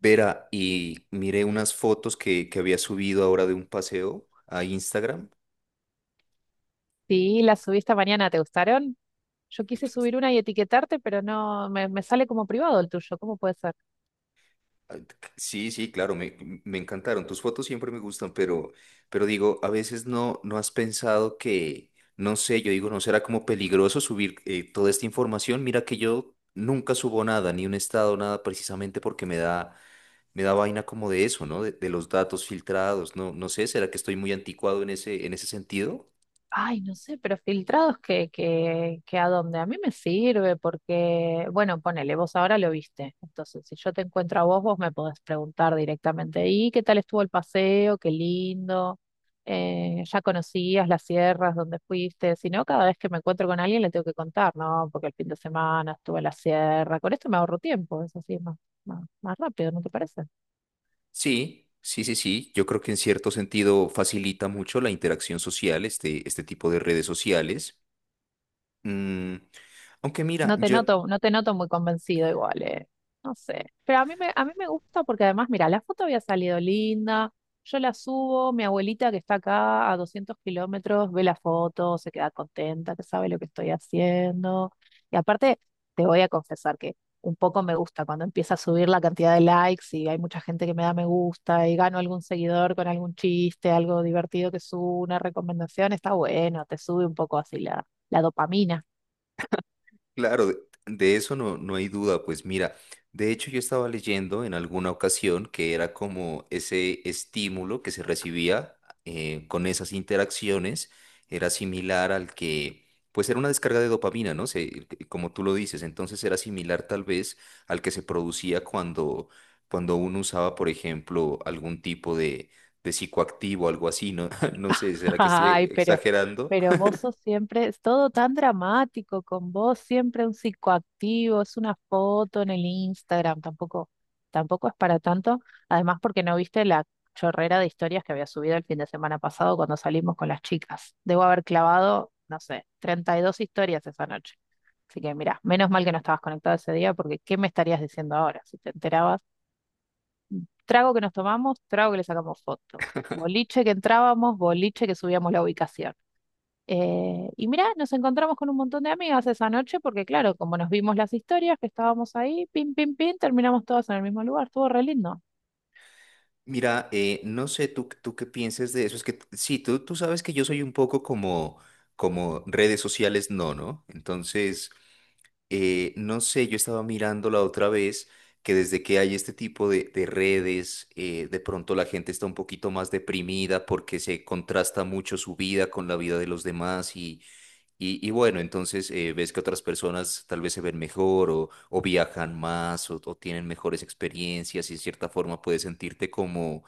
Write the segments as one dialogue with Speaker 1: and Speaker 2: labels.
Speaker 1: Vera, y miré unas fotos que había subido ahora de un paseo a Instagram.
Speaker 2: Sí, las subí esta mañana, ¿te gustaron? Yo quise subir una y etiquetarte, pero no, me sale como privado el tuyo, ¿cómo puede ser?
Speaker 1: Sí, sí, claro, me encantaron. Tus fotos siempre me gustan, pero digo, a veces no has pensado que, no sé, yo digo, ¿no será como peligroso subir toda esta información? Mira que yo nunca subo nada, ni un estado, nada, precisamente porque me da vaina como de eso, ¿no? De los datos filtrados, no sé, ¿será que estoy muy anticuado en en ese sentido?
Speaker 2: Ay, no sé, pero filtrados que a dónde. A mí me sirve porque, bueno, ponele, vos ahora lo viste. Entonces, si yo te encuentro a vos, vos me podés preguntar directamente, ¿y qué tal estuvo el paseo? Qué lindo. ¿Ya conocías las sierras donde fuiste? Si no, cada vez que me encuentro con alguien le tengo que contar, ¿no? Porque el fin de semana estuve en la sierra. Con esto me ahorro tiempo, eso sí, es más rápido, ¿no te parece?
Speaker 1: Sí, sí, sí, sí. Yo creo que en cierto sentido facilita mucho la interacción social, este tipo de redes sociales. Mm, aunque mira,
Speaker 2: No te
Speaker 1: yo.
Speaker 2: noto, no te noto muy convencido igual. No sé. Pero a mí me gusta porque además, mira, la foto había salido linda. Yo la subo, mi abuelita que está acá a 200 km ve la foto, se queda contenta, que sabe lo que estoy haciendo. Y aparte, te voy a confesar que un poco me gusta cuando empieza a subir la cantidad de likes y hay mucha gente que me da me gusta y gano algún seguidor con algún chiste, algo divertido que subo, una recomendación, está bueno, te sube un poco así la dopamina.
Speaker 1: Claro, de eso no hay duda. Pues mira, de hecho yo estaba leyendo en alguna ocasión que era como ese estímulo que se recibía con esas interacciones era similar al que, pues era una descarga de dopamina, ¿no? Como tú lo dices, entonces era similar tal vez al que se producía cuando, cuando uno usaba, por ejemplo, algún tipo de psicoactivo, algo así, ¿no? No sé, ¿será que estoy
Speaker 2: Ay, pero,
Speaker 1: exagerando?
Speaker 2: pero vos sos siempre, es todo tan dramático con vos, siempre un psicoactivo, es una foto en el Instagram, tampoco es para tanto. Además, porque no viste la chorrera de historias que había subido el fin de semana pasado cuando salimos con las chicas. Debo haber clavado, no sé, 32 historias esa noche. Así que mira, menos mal que no estabas conectado ese día, porque ¿qué me estarías diciendo ahora si te enterabas? Trago que nos tomamos, trago que le sacamos foto. Boliche que entrábamos, boliche que subíamos la ubicación. Y mirá, nos encontramos con un montón de amigas esa noche porque, claro, como nos vimos las historias que estábamos ahí, pim, pim, pim, terminamos todas en el mismo lugar. Estuvo re lindo.
Speaker 1: Mira, no sé tú tú qué pienses de eso. Es que sí, tú sabes que yo soy un poco como, como redes sociales, no, ¿no? Entonces, no sé, yo estaba mirando la otra vez que desde que hay este tipo de redes, de pronto la gente está un poquito más deprimida porque se contrasta mucho su vida con la vida de los demás y bueno, entonces ves que otras personas tal vez se ven mejor o viajan más o tienen mejores experiencias y de cierta forma puedes sentirte como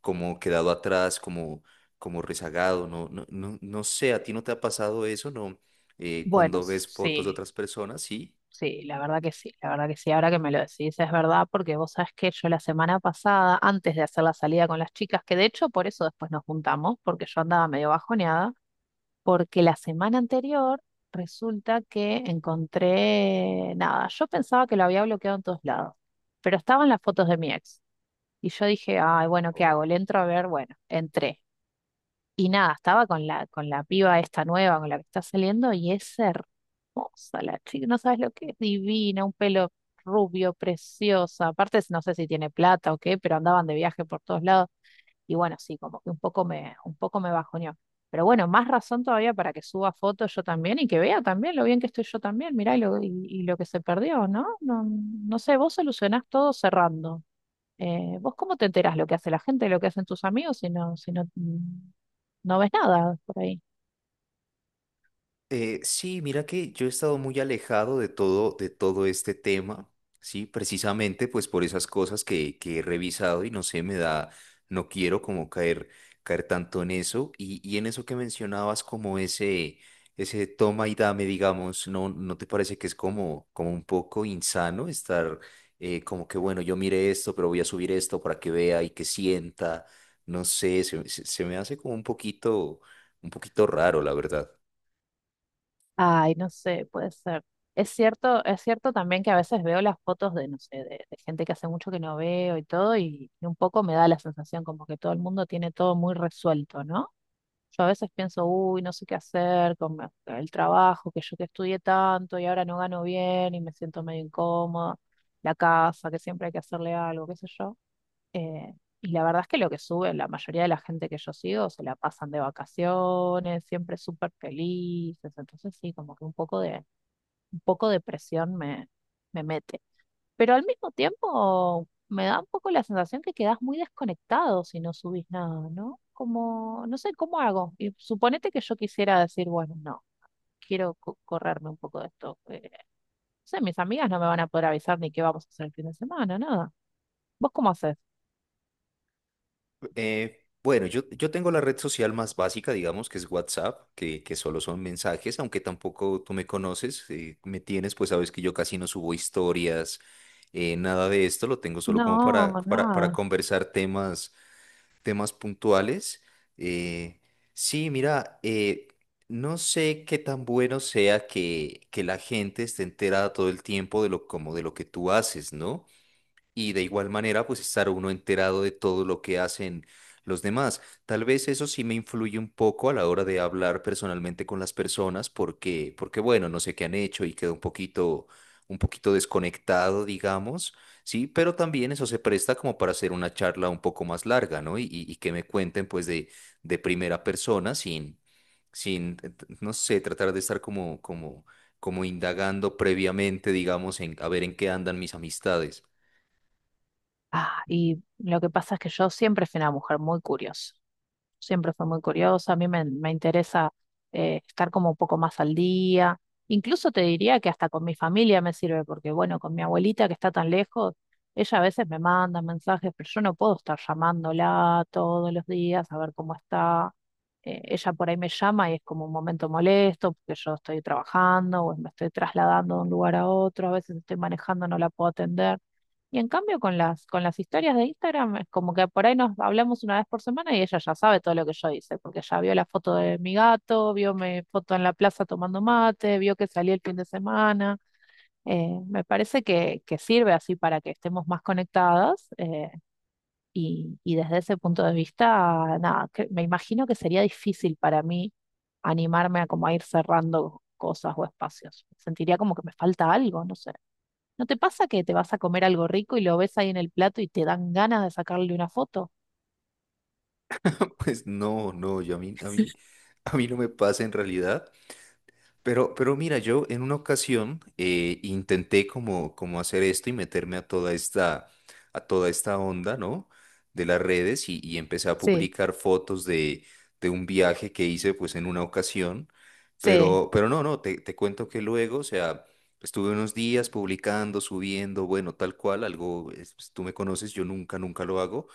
Speaker 1: como quedado atrás, como, como rezagado, no, no, no, no sé, ¿a ti no te ha pasado eso, no?
Speaker 2: Bueno,
Speaker 1: Cuando ves fotos de
Speaker 2: sí,
Speaker 1: otras personas, sí.
Speaker 2: sí, la verdad que sí, la verdad que sí. Ahora que me lo decís, es verdad porque vos sabés que yo la semana pasada, antes de hacer la salida con las chicas, que de hecho por eso después nos juntamos, porque yo andaba medio bajoneada, porque la semana anterior resulta que encontré, nada, yo pensaba que lo había bloqueado en todos lados, pero estaban las fotos de mi ex. Y yo dije, ay, bueno, ¿qué hago? Le entro a ver, bueno, entré. Y nada, estaba con la piba esta nueva, con la que está saliendo, y es hermosa la chica, no sabes lo que es, divina, un pelo rubio, preciosa. Aparte, no sé si tiene plata o qué, pero andaban de viaje por todos lados. Y bueno, sí, como que un poco me bajoneó. Pero bueno, más razón todavía para que suba fotos yo también y que vea también lo bien que estoy yo también. Mirá, y lo que se perdió, ¿no? No, no sé, vos solucionás todo cerrando. ¿Vos cómo te enterás lo que hace la gente, lo que hacen tus amigos si no, no ves nada por ahí?
Speaker 1: Sí, mira que yo he estado muy alejado de todo este tema, sí, precisamente pues por esas cosas que he revisado y no sé, no quiero como caer, caer tanto en eso y en eso que mencionabas como ese toma y dame, digamos, ¿no, no te parece que es como, como un poco insano estar como que bueno, yo mire esto, pero voy a subir esto para que vea y que sienta, no sé, se me hace como un poquito raro, la verdad.
Speaker 2: Ay, no sé, puede ser. Es cierto también que a veces veo las fotos de, no sé, de gente que hace mucho que no veo y todo, y un poco me da la sensación como que todo el mundo tiene todo muy resuelto, ¿no? Yo a veces pienso, uy, no sé qué hacer con el trabajo, que yo que estudié tanto y ahora no gano bien y me siento medio incómoda, la casa, que siempre hay que hacerle algo, qué sé yo. Eh, y la verdad es que lo que sube, la mayoría de la gente que yo sigo se la pasan de vacaciones, siempre súper felices. Entonces sí, como que un poco de presión me mete. Pero al mismo tiempo me da un poco la sensación que quedás muy desconectado si no subís nada, ¿no? Como, no sé, ¿cómo hago? Y suponete que yo quisiera decir, bueno, no, quiero correrme un poco de esto. No sé, mis amigas no me van a poder avisar ni qué vamos a hacer el fin de semana, nada. ¿Vos cómo haces?
Speaker 1: Bueno, yo tengo la red social más básica, digamos, que es WhatsApp, que solo son mensajes, aunque tampoco tú me conoces, me tienes, pues sabes que yo casi no subo historias, nada de esto, lo tengo solo como
Speaker 2: No,
Speaker 1: para
Speaker 2: nada.
Speaker 1: conversar temas, temas puntuales. Eh, sí, mira, no sé qué tan bueno sea que la gente esté enterada todo el tiempo de lo, como de lo que tú haces, ¿no? Y de igual manera pues estar uno enterado de todo lo que hacen los demás. Tal vez eso sí me influye un poco a la hora de hablar personalmente con las personas porque bueno, no sé qué han hecho y quedo un poquito desconectado, digamos, sí, pero también eso se presta como para hacer una charla un poco más larga, ¿no? Y que me cuenten pues de primera persona sin sin no sé, tratar de estar como como como indagando previamente, digamos, en a ver en qué andan mis amistades.
Speaker 2: Ah, y lo que pasa es que yo siempre fui una mujer muy curiosa, siempre fui muy curiosa, a mí me interesa estar como un poco más al día, incluso te diría que hasta con mi familia me sirve, porque bueno, con mi abuelita que está tan lejos, ella a veces me manda mensajes, pero yo no puedo estar llamándola todos los días a ver cómo está. Ella por ahí me llama y es como un momento molesto, porque yo estoy trabajando o me estoy trasladando de un lugar a otro, a veces estoy manejando, no la puedo atender. Y en cambio con las historias de Instagram es como que por ahí nos hablamos una vez por semana y ella ya sabe todo lo que yo hice, porque ya vio la foto de mi gato, vio mi foto en la plaza tomando mate, vio que salí el fin de semana. Me parece que sirve así para que estemos más conectadas, y desde ese punto de vista, nada, me imagino que sería difícil para mí animarme a como a ir cerrando cosas o espacios. Sentiría como que me falta algo, no sé. ¿No te pasa que te vas a comer algo rico y lo ves ahí en el plato y te dan ganas de sacarle una foto?
Speaker 1: Pues no, no, yo a mí, a mí no me pasa en realidad. Pero mira, yo en una ocasión intenté como, como hacer esto y meterme a toda esta onda, ¿no? De las redes y empecé a
Speaker 2: Sí,
Speaker 1: publicar fotos de un viaje que hice pues en una ocasión.
Speaker 2: sí.
Speaker 1: Pero no, no, te cuento que luego, o sea, estuve unos días publicando, subiendo, bueno, tal cual, algo, es- pues, tú me conoces, yo nunca, nunca lo hago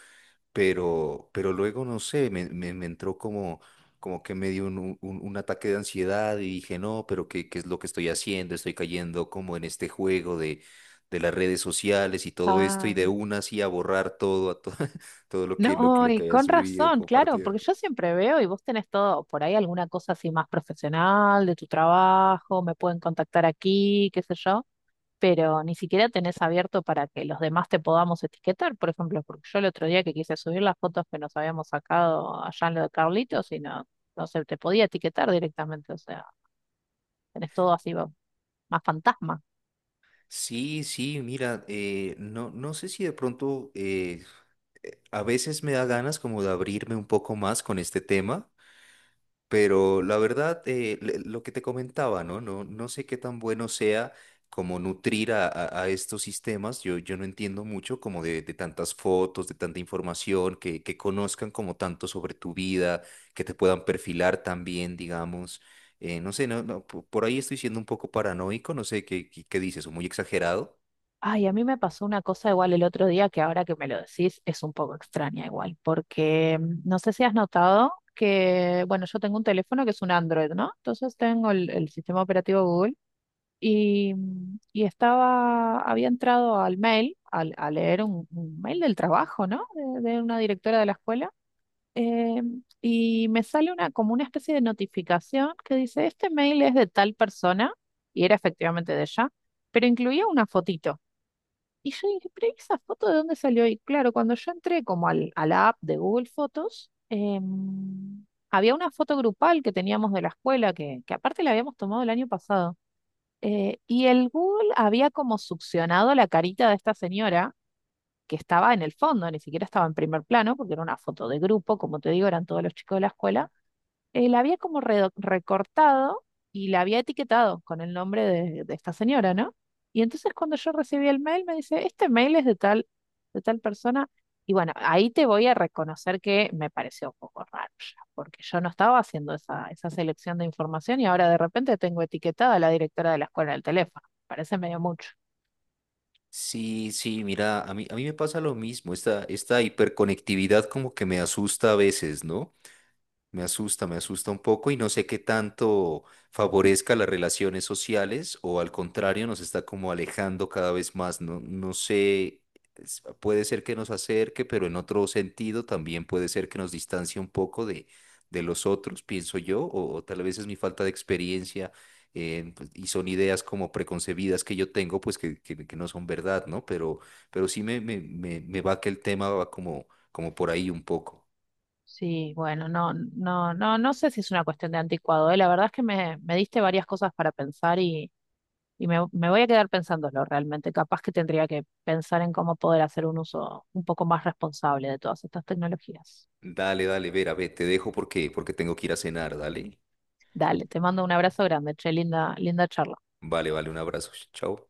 Speaker 1: pero luego, no sé, me entró como, como que me dio un ataque de ansiedad y dije, no, pero ¿qué, qué es lo que estoy haciendo? Estoy cayendo como en este juego de las redes sociales y todo esto y
Speaker 2: Ah,
Speaker 1: de una así a borrar todo, a todo, todo lo que,
Speaker 2: no,
Speaker 1: lo que
Speaker 2: y
Speaker 1: haya
Speaker 2: con
Speaker 1: subido,
Speaker 2: razón, claro,
Speaker 1: compartido.
Speaker 2: porque yo siempre veo y vos tenés todo, por ahí alguna cosa así más profesional de tu trabajo, me pueden contactar aquí, qué sé yo, pero ni siquiera tenés abierto para que los demás te podamos etiquetar, por ejemplo, porque yo el otro día que quise subir las fotos que nos habíamos sacado allá en lo de Carlitos y no, no se te podía etiquetar directamente, o sea, tenés todo así más fantasma.
Speaker 1: Sí, sí, mira, no, no sé si de pronto a veces me da ganas como de abrirme un poco más con este tema. Pero la verdad, lo que te comentaba, ¿no? No, no sé qué tan bueno sea como nutrir a estos sistemas. Yo no entiendo mucho como de tantas fotos, de tanta información, que conozcan como tanto sobre tu vida, que te puedan perfilar también, digamos. No sé, no, no, por ahí estoy siendo un poco paranoico, no sé qué, qué, qué dices, o muy exagerado.
Speaker 2: Ay, a mí me pasó una cosa igual el otro día que ahora que me lo decís es un poco extraña igual, porque no sé si has notado que, bueno, yo tengo un teléfono que es un Android, ¿no? Entonces tengo el sistema operativo Google y estaba, había entrado al mail, a leer un mail del trabajo, ¿no? De una directora de la escuela. eh, y me sale como una especie de notificación que dice, este mail es de tal persona, y era efectivamente de ella, pero incluía una fotito. Y yo dije, pero ¿esa foto de dónde salió? Y claro, cuando yo entré como a la app de Google Fotos, había una foto grupal que teníamos de la escuela, que aparte la habíamos tomado el año pasado. Y el Google había como succionado la carita de esta señora que estaba en el fondo, ni siquiera estaba en primer plano, porque era una foto de grupo, como te digo, eran todos los chicos de la escuela. La había como recortado y la había etiquetado con el nombre de esta señora, ¿no? Y entonces cuando yo recibí el mail me dice, este mail es de tal persona. Y bueno, ahí te voy a reconocer que me pareció un poco raro ya, porque yo no estaba haciendo esa selección de información y ahora de repente tengo etiquetada a la directora de la escuela del teléfono. Parece medio mucho.
Speaker 1: Sí, sí, mira, a mí me pasa lo mismo, esta hiperconectividad como que me asusta a veces, ¿no? Me asusta un poco y no sé qué tanto favorezca las relaciones sociales o al contrario nos está como alejando cada vez más. No, no sé, puede ser que nos acerque, pero en otro sentido también puede ser que nos distancie un poco de los otros, pienso yo, o tal vez es mi falta de experiencia pues, y son ideas como preconcebidas que yo tengo, pues que no son verdad, ¿no? Pero sí me va que el tema va como, como por ahí un poco.
Speaker 2: Sí, bueno, no, no, no, no sé si es una cuestión de anticuado, ¿eh? La verdad es que me diste varias cosas para pensar. Y me voy a quedar pensándolo realmente. Capaz que tendría que pensar en cómo poder hacer un uso un poco más responsable de todas estas tecnologías.
Speaker 1: Dale, dale, Vera, ve, te dejo porque tengo que ir a cenar, dale.
Speaker 2: Dale, te mando un abrazo grande, che, linda, linda charla.
Speaker 1: Vale, vale, un abrazo. Chao.